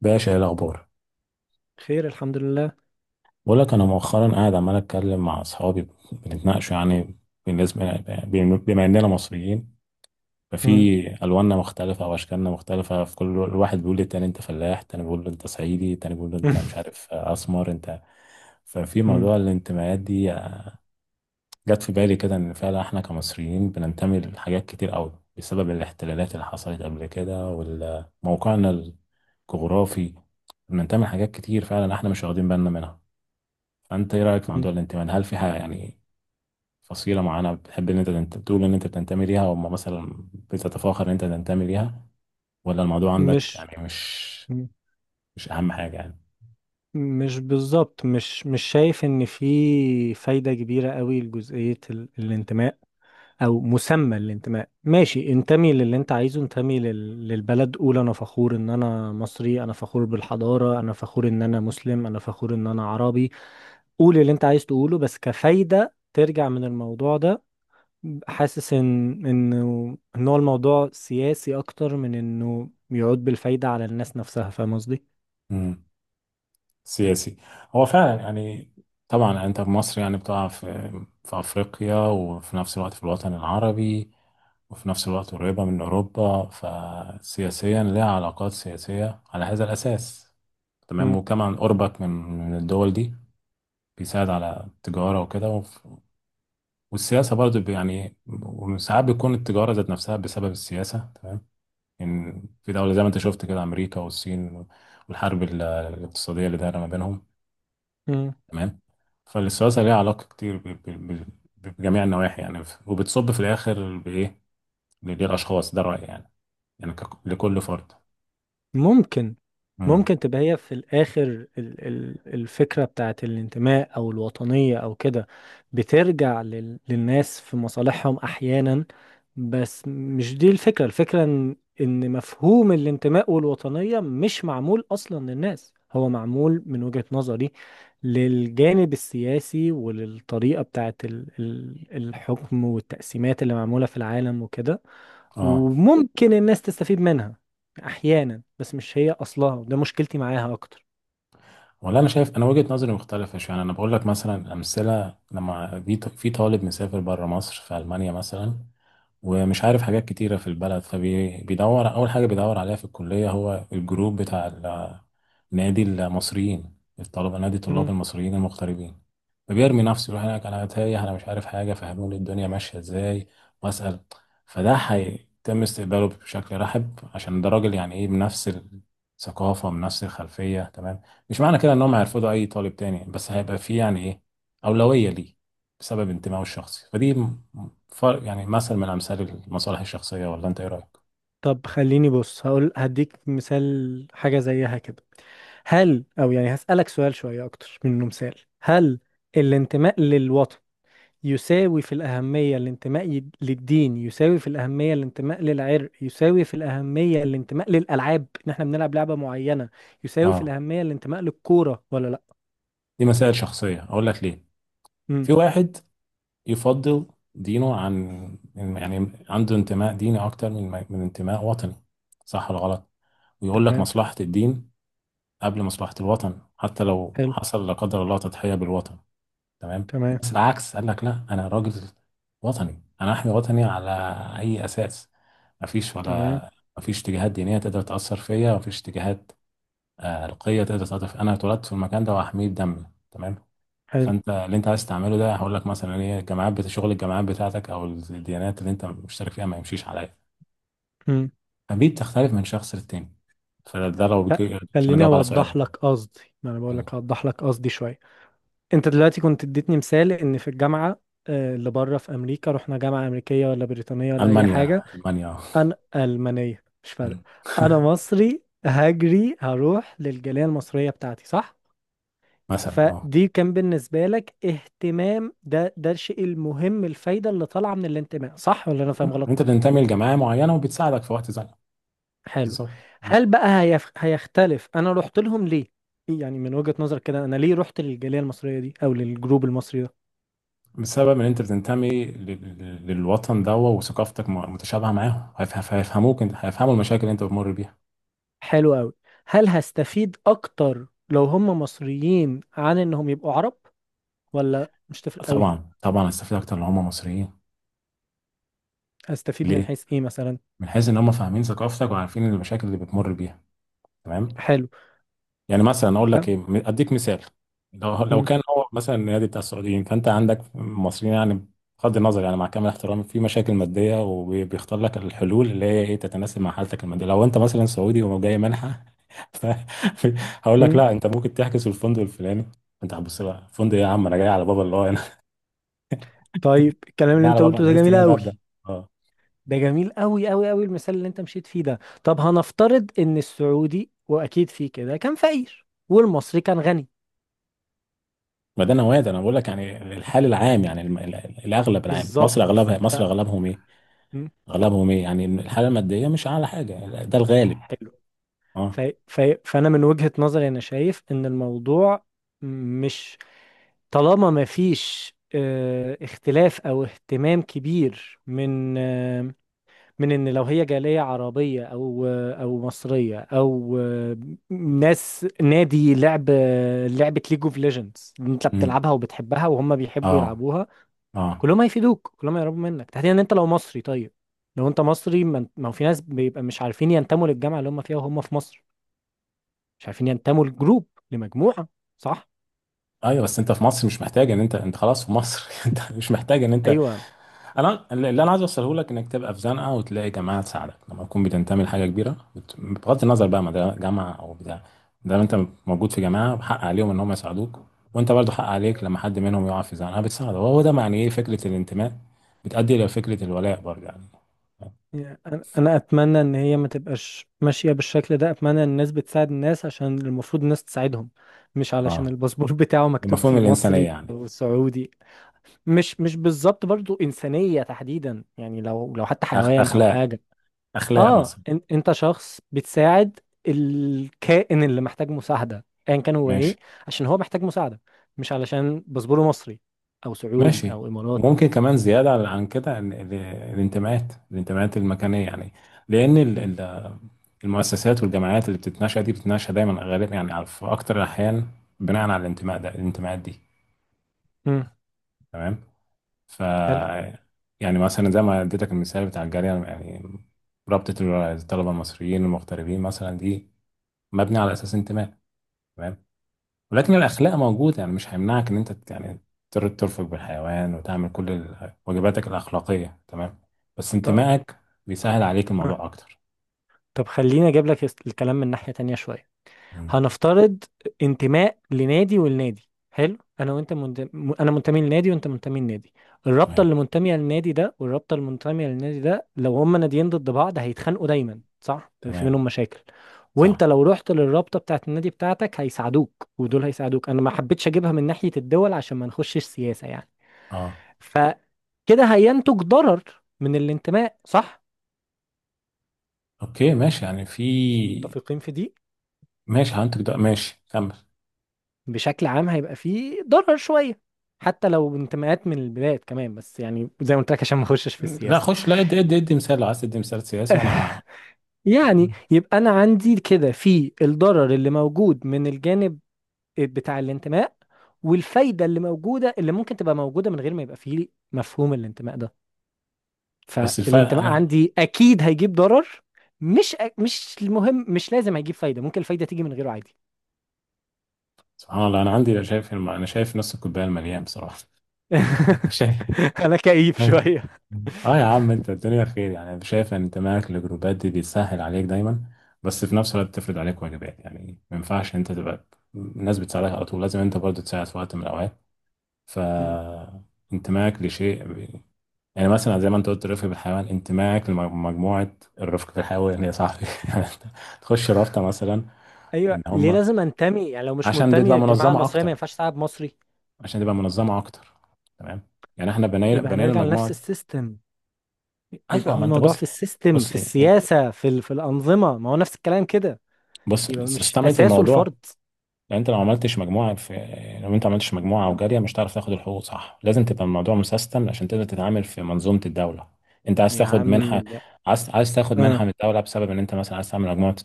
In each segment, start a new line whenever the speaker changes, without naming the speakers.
باشا، ايه الاخبار؟
خير، الحمد لله.
بقول لك، انا مؤخرا قاعد عمال اتكلم مع اصحابي بنتناقشوا يعني بالنسبه بما اننا مصريين ففي
مم.
الواننا مختلفه واشكالنا مختلفه، في كل الواحد بيقول للتاني انت فلاح، التاني بيقول له انت صعيدي، التاني بيقول له انت مش عارف اسمر انت. ففي
مم.
موضوع الانتماءات دي جت في بالي كده ان فعلا احنا كمصريين بننتمي لحاجات كتير قوي بسبب الاحتلالات اللي حصلت قبل كده وموقعنا الجغرافي، بننتمي لحاجات كتير فعلا احنا مش واخدين بالنا منها. فانت ايه رايك في
مم.
موضوع الانتماء؟ هل في حاجه يعني فصيله معينه بتحب ان انت تقول ان انت بتنتمي ليها او مثلا بتتفاخر ان انت تنتمي ليها، ولا الموضوع عندك
مش
يعني مش
مم.
مش اهم حاجه يعني؟
مش بالظبط، مش شايف ان في فايدة كبيرة قوي لجزئية الانتماء او مسمى الانتماء. ماشي، انتمي للي انت عايزه، انتمي للبلد. قول انا فخور ان انا مصري، انا فخور بالحضارة، انا فخور ان انا مسلم، انا فخور ان انا عربي. قول اللي انت عايز تقوله، بس كفايدة ترجع من الموضوع ده. حاسس ان انه ان هو الموضوع سياسي اكتر من انه يعود بالفايدة على الناس نفسها. فاهم قصدي؟
امم سياسي هو فعلا يعني. طبعا انت في مصر يعني بتقع في افريقيا وفي نفس الوقت في الوطن العربي وفي نفس الوقت قريبه من اوروبا، فسياسيا لها علاقات سياسيه على هذا الاساس. تمام،
مم.
وكمان قربك من الدول دي بيساعد على التجارة وكده، والسياسة برضو يعني. وساعات بتكون التجارة ذات نفسها بسبب السياسة. تمام. إن في دولة زي ما أنت شفت كده أمريكا والصين والحرب الاقتصادية اللي دايرة ما بينهم.
مم.
تمام. فالسياسة ليها علاقة كتير بجميع النواحي يعني، وبتصب في الآخر بإيه؟ للأشخاص، ده رأيي يعني، يعني لكل فرد.
ممكن ممكن تبقى هي في الآخر الفكرة بتاعت الانتماء أو الوطنية أو كده، بترجع للناس في مصالحهم أحيانا. بس مش دي الفكرة. الفكرة إن مفهوم الانتماء والوطنية مش معمول أصلا للناس. هو معمول من وجهة نظري للجانب السياسي وللطريقة بتاعت الحكم والتقسيمات اللي معمولة في العالم وكده.
مم.
وممكن الناس تستفيد منها احيانا، بس مش هي اصلها، وده مشكلتي معاها اكتر.
والله انا شايف، انا وجهة نظري مختلفة شوية. يعني انا بقول لك مثلا امثلة، لما في طالب مسافر بره مصر في المانيا مثلا ومش عارف حاجات كتيرة في البلد، فبيدور أول حاجة بيدور عليها في الكلية هو الجروب بتاع نادي المصريين نادي طلاب
مم.
المصريين المغتربين. فبيرمي نفسه يروح هناك. أنا تايه، أنا مش عارف حاجة، فهموني الدنيا ماشية إزاي وأسأل. فده هيتم استقباله بشكل رحب، عشان ده راجل يعني إيه، بنفس الثقافة بنفس الخلفية. تمام. مش معنى كده انهم هيرفضوا اي طالب تاني، بس هيبقى في يعني ايه، اولويه ليه بسبب انتمائه الشخصي. فدي فرق، يعني مثل من امثال المصالح الشخصيه. ولا انت ايه رايك؟
طب خليني بص، هقول هديك مثال حاجة زيها كده. هل او يعني هسألك سؤال شوية اكتر منه مثال. هل الانتماء للوطن يساوي في الأهمية الانتماء للدين، يساوي في الأهمية الانتماء للعرق، يساوي في الأهمية الانتماء للألعاب إن إحنا بنلعب لعبة معينة، يساوي في
اه،
الأهمية الانتماء للكورة ولا لأ؟
دي مسائل شخصيه، اقول لك ليه.
امم.
في واحد يفضل دينه عن، يعني عنده انتماء ديني اكتر من انتماء وطني، صح ولا غلط؟ ويقول لك
تمام.
مصلحه الدين قبل مصلحه الوطن، حتى لو
حلو.
حصل لا قدر الله تضحيه بالوطن. تمام.
تمام.
بس العكس قال لك لا، انا راجل وطني، انا احمي وطني. على اي اساس؟ مفيش،
تمام.
ولا مفيش اتجاهات دينيه تقدر تاثر فيا، مفيش اتجاهات، آه، القيه تقدر تاثر فيا، انا اتولدت في المكان ده وهحميه بدمي. تمام.
حلو.
فانت اللي انت عايز تعمله ده، هقول لك مثلا ايه، الجامعات شغل الجامعات بتاعتك او الديانات اللي انت مشترك فيها ما يمشيش عليا.
امم.
فدي بتختلف من شخص للتاني. فده لو
لا،
عشان
خليني
اجاوب على
اوضح
سؤالك يعني.
لك قصدي، ما انا بقول
م.
لك هوضح لك قصدي شويه. انت دلوقتي كنت اديتني مثال ان في الجامعه اللي بره في امريكا، رحنا جامعه امريكيه ولا بريطانيه ولا اي حاجه.
المانيا المانيا.
انا المانيه، مش
م.
فارق. انا مصري هجري هروح للجاليه المصريه بتاعتي، صح؟
مثلا اه.
فدي كان بالنسبه لك اهتمام. ده الشيء المهم، الفايده اللي طالعه من الانتماء، صح ولا انا فاهم
انت
غلط؟
بتنتمي لجماعه معينه وبتساعدك في وقت زنقه.
حلو.
بالظبط.
هل بقى هيختلف انا رحت لهم ليه؟ يعني من وجهة نظرك كده، انا ليه رحت للجالية المصرية دي او للجروب المصري ده؟
بسبب ان انت بتنتمي للوطن ده، وثقافتك متشابهه معاهم، هيفهموك، انت هيفهموا المشاكل اللي انت بتمر بيها.
حلو قوي. هل هستفيد اكتر لو هم مصريين عن انهم يبقوا عرب، ولا مش تفرق قوي؟
طبعا طبعا هتستفيد اكتر لو هم مصريين.
هستفيد من
ليه؟
حيث ايه مثلا؟
من حيث ان هم فاهمين ثقافتك وعارفين المشاكل اللي بتمر بيها. تمام.
حلو.
يعني مثلا اقول لك
تمام.
ايه، اديك مثال. لو
مم.
كان هو مثلا النادي بتاع السعوديين، فانت عندك المصريين يعني، بغض النظر يعني مع كامل احترامي في مشاكل ماديه، وبيختار لك الحلول اللي هي ايه تتناسب مع حالتك الماديه. لو انت مثلا سعودي وجاي منحه، ف- هقول لك
مم.
لا، انت ممكن تحجز في الفندق الفلاني. انت هتبص بقى الفندق ايه، يا عم انا جاي على بابا الله، انا
طيب، الكلام اللي
جاي على
انت
بابا،
قلته
انا
ده
لسه
جميل
جاي
قوي.
ببدا. اه،
ده جميل قوي قوي قوي، المثال اللي انت مشيت فيه ده. طب هنفترض ان السعودي، واكيد فيه كده، كان فقير والمصري كان غني.
ما ده نوادي، انا بقول لك يعني الحال العام، يعني الاغلب العام مصر
بالظبط.
اغلبها،
ف
مصر اغلبهم ايه، اغلبهم ايه يعني الحاله الماديه مش اعلى حاجه، ده الغالب.
حلو.
اه.
ف... فأنا من وجهة نظري أنا شايف إن الموضوع مش، طالما ما فيش اختلاف أو اهتمام كبير من إن لو هي جالية عربية أو مصرية أو آه، ناس نادي لعب لعبة ليج اوف ليجندز أنت
امم
بتلعبها وبتحبها وهم بيحبوا
اه،
يلعبوها،
اه.
كلهم هيفيدوك، كلهم هيقربوا منك تحديدا. أنت لو مصري، طيب، لو أنت مصري، ما هو في ناس بيبقى مش عارفين ينتموا للجامعة اللي هم فيها وهم في مصر، مش عارفين ينتموا لمجموعة، صح؟
ايوه، بس انت في مصر مش محتاج ان انت خلاص في مصر. انت مش محتاج ان انت،
ايوه،
انا اللي انا عايز اوصله لك انك تبقى في زنقه وتلاقي جماعه تساعدك لما تكون بتنتمي لحاجه كبيره، بغض النظر بقى ما ده جامعه او بتاع. ده انت موجود في جماعه حق عليهم ان هم يساعدوك، وانت برضو حق عليك لما حد منهم يقع في زنقه بتساعده، وهو ده معنى ايه فكره الانتماء، بتؤدي الى فكره الولاء برضه يعني.
يعني أنا أتمنى إن هي ما تبقاش ماشية بالشكل ده. أتمنى إن الناس بتساعد الناس عشان المفروض الناس تساعدهم، مش علشان
اه،
الباسبور بتاعه مكتوب
مفهوم
فيه
الانسانيه
مصري
يعني.
أو سعودي. مش بالظبط، برضو إنسانية تحديدا، يعني لو حتى حيوان أو
اخلاق،
حاجة.
اخلاق
آه،
مثلا.
إن أنت شخص بتساعد الكائن اللي محتاج مساعدة أيا كان هو
ماشي،
إيه، عشان هو محتاج مساعدة، مش علشان باسبوره مصري أو سعودي
ماشي.
أو إماراتي.
وممكن كمان زياده عن كده الانتماءات المكانيه يعني. لان المؤسسات والجامعات اللي بتتناشى دي بتتناشى دايما غالبا يعني، في اكتر الاحيان بناء على الانتماء ده، الانتماءات دي.
مم.
تمام. ف،
حلو.
يعني مثلا زي ما اديتك المثال بتاع الجاليه يعني، رابطه الطلبه المصريين المغتربين مثلا، دي مبني على اساس انتماء. تمام. ولكن الأخلاق موجودة يعني، مش هيمنعك إن أنت ترفق بالحيوان وتعمل كل واجباتك الأخلاقية. تمام، بس
طب
انتمائك بيسهل عليك
آه.
الموضوع أكتر.
طب خليني اجيب لك الكلام من ناحية تانية شوية.
مم.
هنفترض انتماء لنادي، والنادي حلو. انا منتمي لنادي وانت منتمي لنادي. الرابطة
تمام.
اللي منتمية للنادي ده والرابطة اللي منتمية للنادي ده، لو هما ناديين ضد بعض هيتخانقوا دايما، صح، في
تمام.
منهم مشاكل.
صح.
وانت لو رحت للرابطة بتاعت النادي بتاعتك هيساعدوك، ودول هيساعدوك. انا ما حبيتش اجيبها من ناحية الدول عشان ما نخشش سياسة يعني.
أه.
فكده هينتج ضرر من الانتماء، صح؟
أوكي ماشي يعني في،
متفقين في دي.
ماشي، هنتج ده، ماشي كمل.
بشكل عام هيبقى فيه ضرر شوية، حتى لو انتماءات من البلاد كمان، بس يعني زي ما قلت لك عشان ما اخشش في
لا
السياسة.
خش، لا، ادي مثال لو عايز تدي مثال سياسي. وأنا
يعني
هقول.
يبقى انا عندي كده في الضرر اللي موجود من الجانب بتاع الانتماء، والفايدة اللي موجودة، اللي ممكن تبقى موجودة من غير ما يبقى فيه مفهوم الانتماء ده.
بس الفرق
فالانتماء
أنا،
عندي اكيد هيجيب ضرر. مش المهم، مش لازم هيجيب فايدة، ممكن الفايدة تيجي من غيره عادي.
سبحان الله، أنا عندي لا، شايف أنا شايف نص الكوباية المليان بصراحة. شايف.
انا كئيب
أيوة.
شوية.
اه يا عم انت الدنيا خير يعني، شايف ان انتمائك للجروبات دي بيسهل عليك دايما. بس في نفس الوقت بتفرض عليك واجبات يعني، ما ينفعش انت تبقى، الناس بتساعدك على طول، لازم انت برضه تساعد في وقت من الاوقات. ف، انتمائك لشيء يعني مثلا زي ما انت قلت رفق بالحيوان، انتمائك لمجموعه الرفق بالحيوان يا صاحبي. يعني انت تخش رابطه مثلا
ايوه،
ان
ليه
هم،
لازم انتمي؟ يعني لو مش
عشان
منتمي
تبقى
للجماعه
منظمه
المصريه ما
اكتر،
ينفعش تلعب مصري؟
عشان تبقى منظمه اكتر. تمام. يعني احنا بنينا
يبقى
بنينا
هنرجع
المجموعه
لنفس
دي.
السيستم. يبقى
ايوه،
هو
ما انت
الموضوع
بص،
في السيستم،
بص،
في السياسه، في الانظمه. ما هو نفس الكلام كده.
بص
يبقى مش
استمعت
اساسه
الموضوع.
الفرد.
لان انت لو عملتش مجموعه في، لو انت عملتش مجموعه وجاريه مش هتعرف تاخد الحقوق، صح؟ لازم تبقى الموضوع مسيستم عشان تقدر تتعامل في منظومه الدوله. انت عايز
يا
تاخد
عم
منحه،
ده،
عايز تاخد منحه
اه.
من الدوله بسبب ان انت مثلا عايز تعمل مجموعه،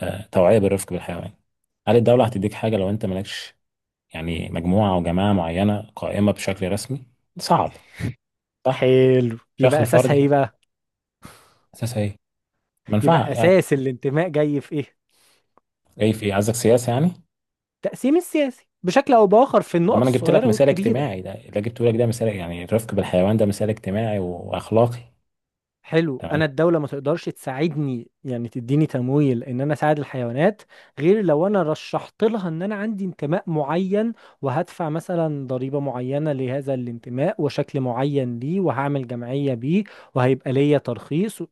آه، توعيه بالرفق بالحيوان. هل الدوله هتديك حاجه لو انت مالكش يعني مجموعه او جماعه معينه قائمه بشكل رسمي؟ صعب. صح.
حلو، يبقى
شكل فردي.
اساسها ايه بقى؟
اساسا ايه؟ منفعه
يبقى
يعني.
اساس الانتماء جاي في ايه؟
ايه في قصدك سياسه يعني.
التقسيم السياسي بشكل او باخر في
ده ما
النقط
انا جبت لك
الصغيره
مثال
والكبيره.
اجتماعي، ده اللي جبته لك ده مثال يعني، الرفق بالحيوان ده مثال اجتماعي واخلاقي.
حلو.
تمام.
انا الدوله ما تقدرش تساعدني، يعني تديني تمويل ان انا اساعد الحيوانات، غير لو انا رشحت لها ان انا عندي انتماء معين، وهدفع مثلا ضريبه معينه لهذا الانتماء وشكل معين ليه، وهعمل جمعيه بيه، وهيبقى ليا ترخيص و-.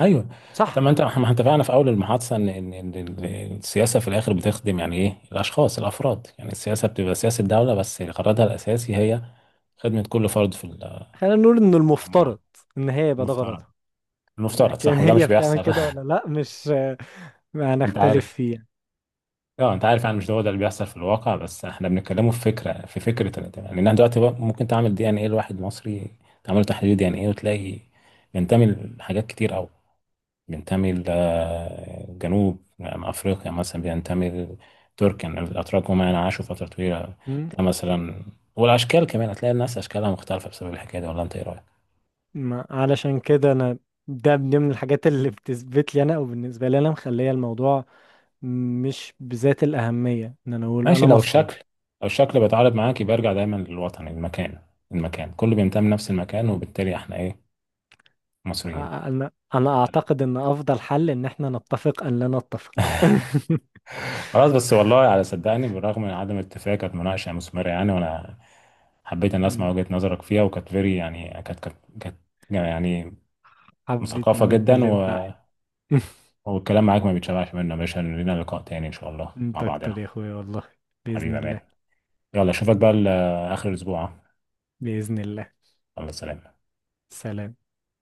ايوه. طب
صح.
ما انت، ما احنا اتفقنا في اول المحادثه ان ان إن ال- السياسه في الاخر بتخدم يعني ايه الاشخاص الافراد، يعني السياسه بتبقى سياسه الدوله بس غرضها الاساسي هي خدمه كل فرد في المجتمع.
خلينا نقول ان المفترض ان هي يبقى ده
المفترض.
غرضها.
المفترض،
لكن
صح، وده مش
هي بتعمل
بيحصل.
كده ولا لا؟ مش ما
انت
هنختلف
عارف،
فيه يعني.
اه انت عارف يعني مش هو ده اللي بيحصل في الواقع، بس احنا بنتكلمه في فكره، في فكره يعني انها دلوقتي بقى ممكن تعمل دي ان ايه، لواحد مصري تعمل له تحليل دي ان ايه وتلاقي بينتمي لحاجات كتير قوي، بينتمي لجنوب افريقيا مثلا، بينتمي لتركيا يعني الاتراك هم يعني عاشوا فتره طويله،
مم.
تلاقي مثلا. والاشكال كمان هتلاقي الناس اشكالها مختلفه بسبب الحكايه دي. ولا انت ايه رايك؟
ما علشان كده انا، ده من ضمن الحاجات اللي بتثبت لي انا او بالنسبه لي انا، مخليه الموضوع مش بذات الأهمية إن أنا أقول
ماشي،
أنا مصري.
لو الشكل بيتعارض معاك يبقى ارجع دايما للوطن، المكان، المكان كله بينتمي لنفس المكان وبالتالي احنا ايه؟ مصريين.
أنا أعتقد إن أفضل حل إن إحنا نتفق أن لا نتفق.
خلاص، بس والله على، صدقني بالرغم من عدم الاتفاق كانت مناقشة مثمرة يعني، وانا حبيت ان اسمع
مم.
وجهة نظرك فيها، وكانت فيري، يعني كانت يعني
حبيت إن
مثقفة
أنا
جدا
أتكلم
و...
معاك.
والكلام معاك ما بيتشبعش منه يا باشا، لينا لقاء تاني ان شاء الله مع
أنت
بعضنا.
أكتر يا أخويا والله.
حبيبي
بإذن
يا مان،
الله.
يلا اشوفك بقى اخر الاسبوع.
بإذن الله.
يلا، سلام.
سلام.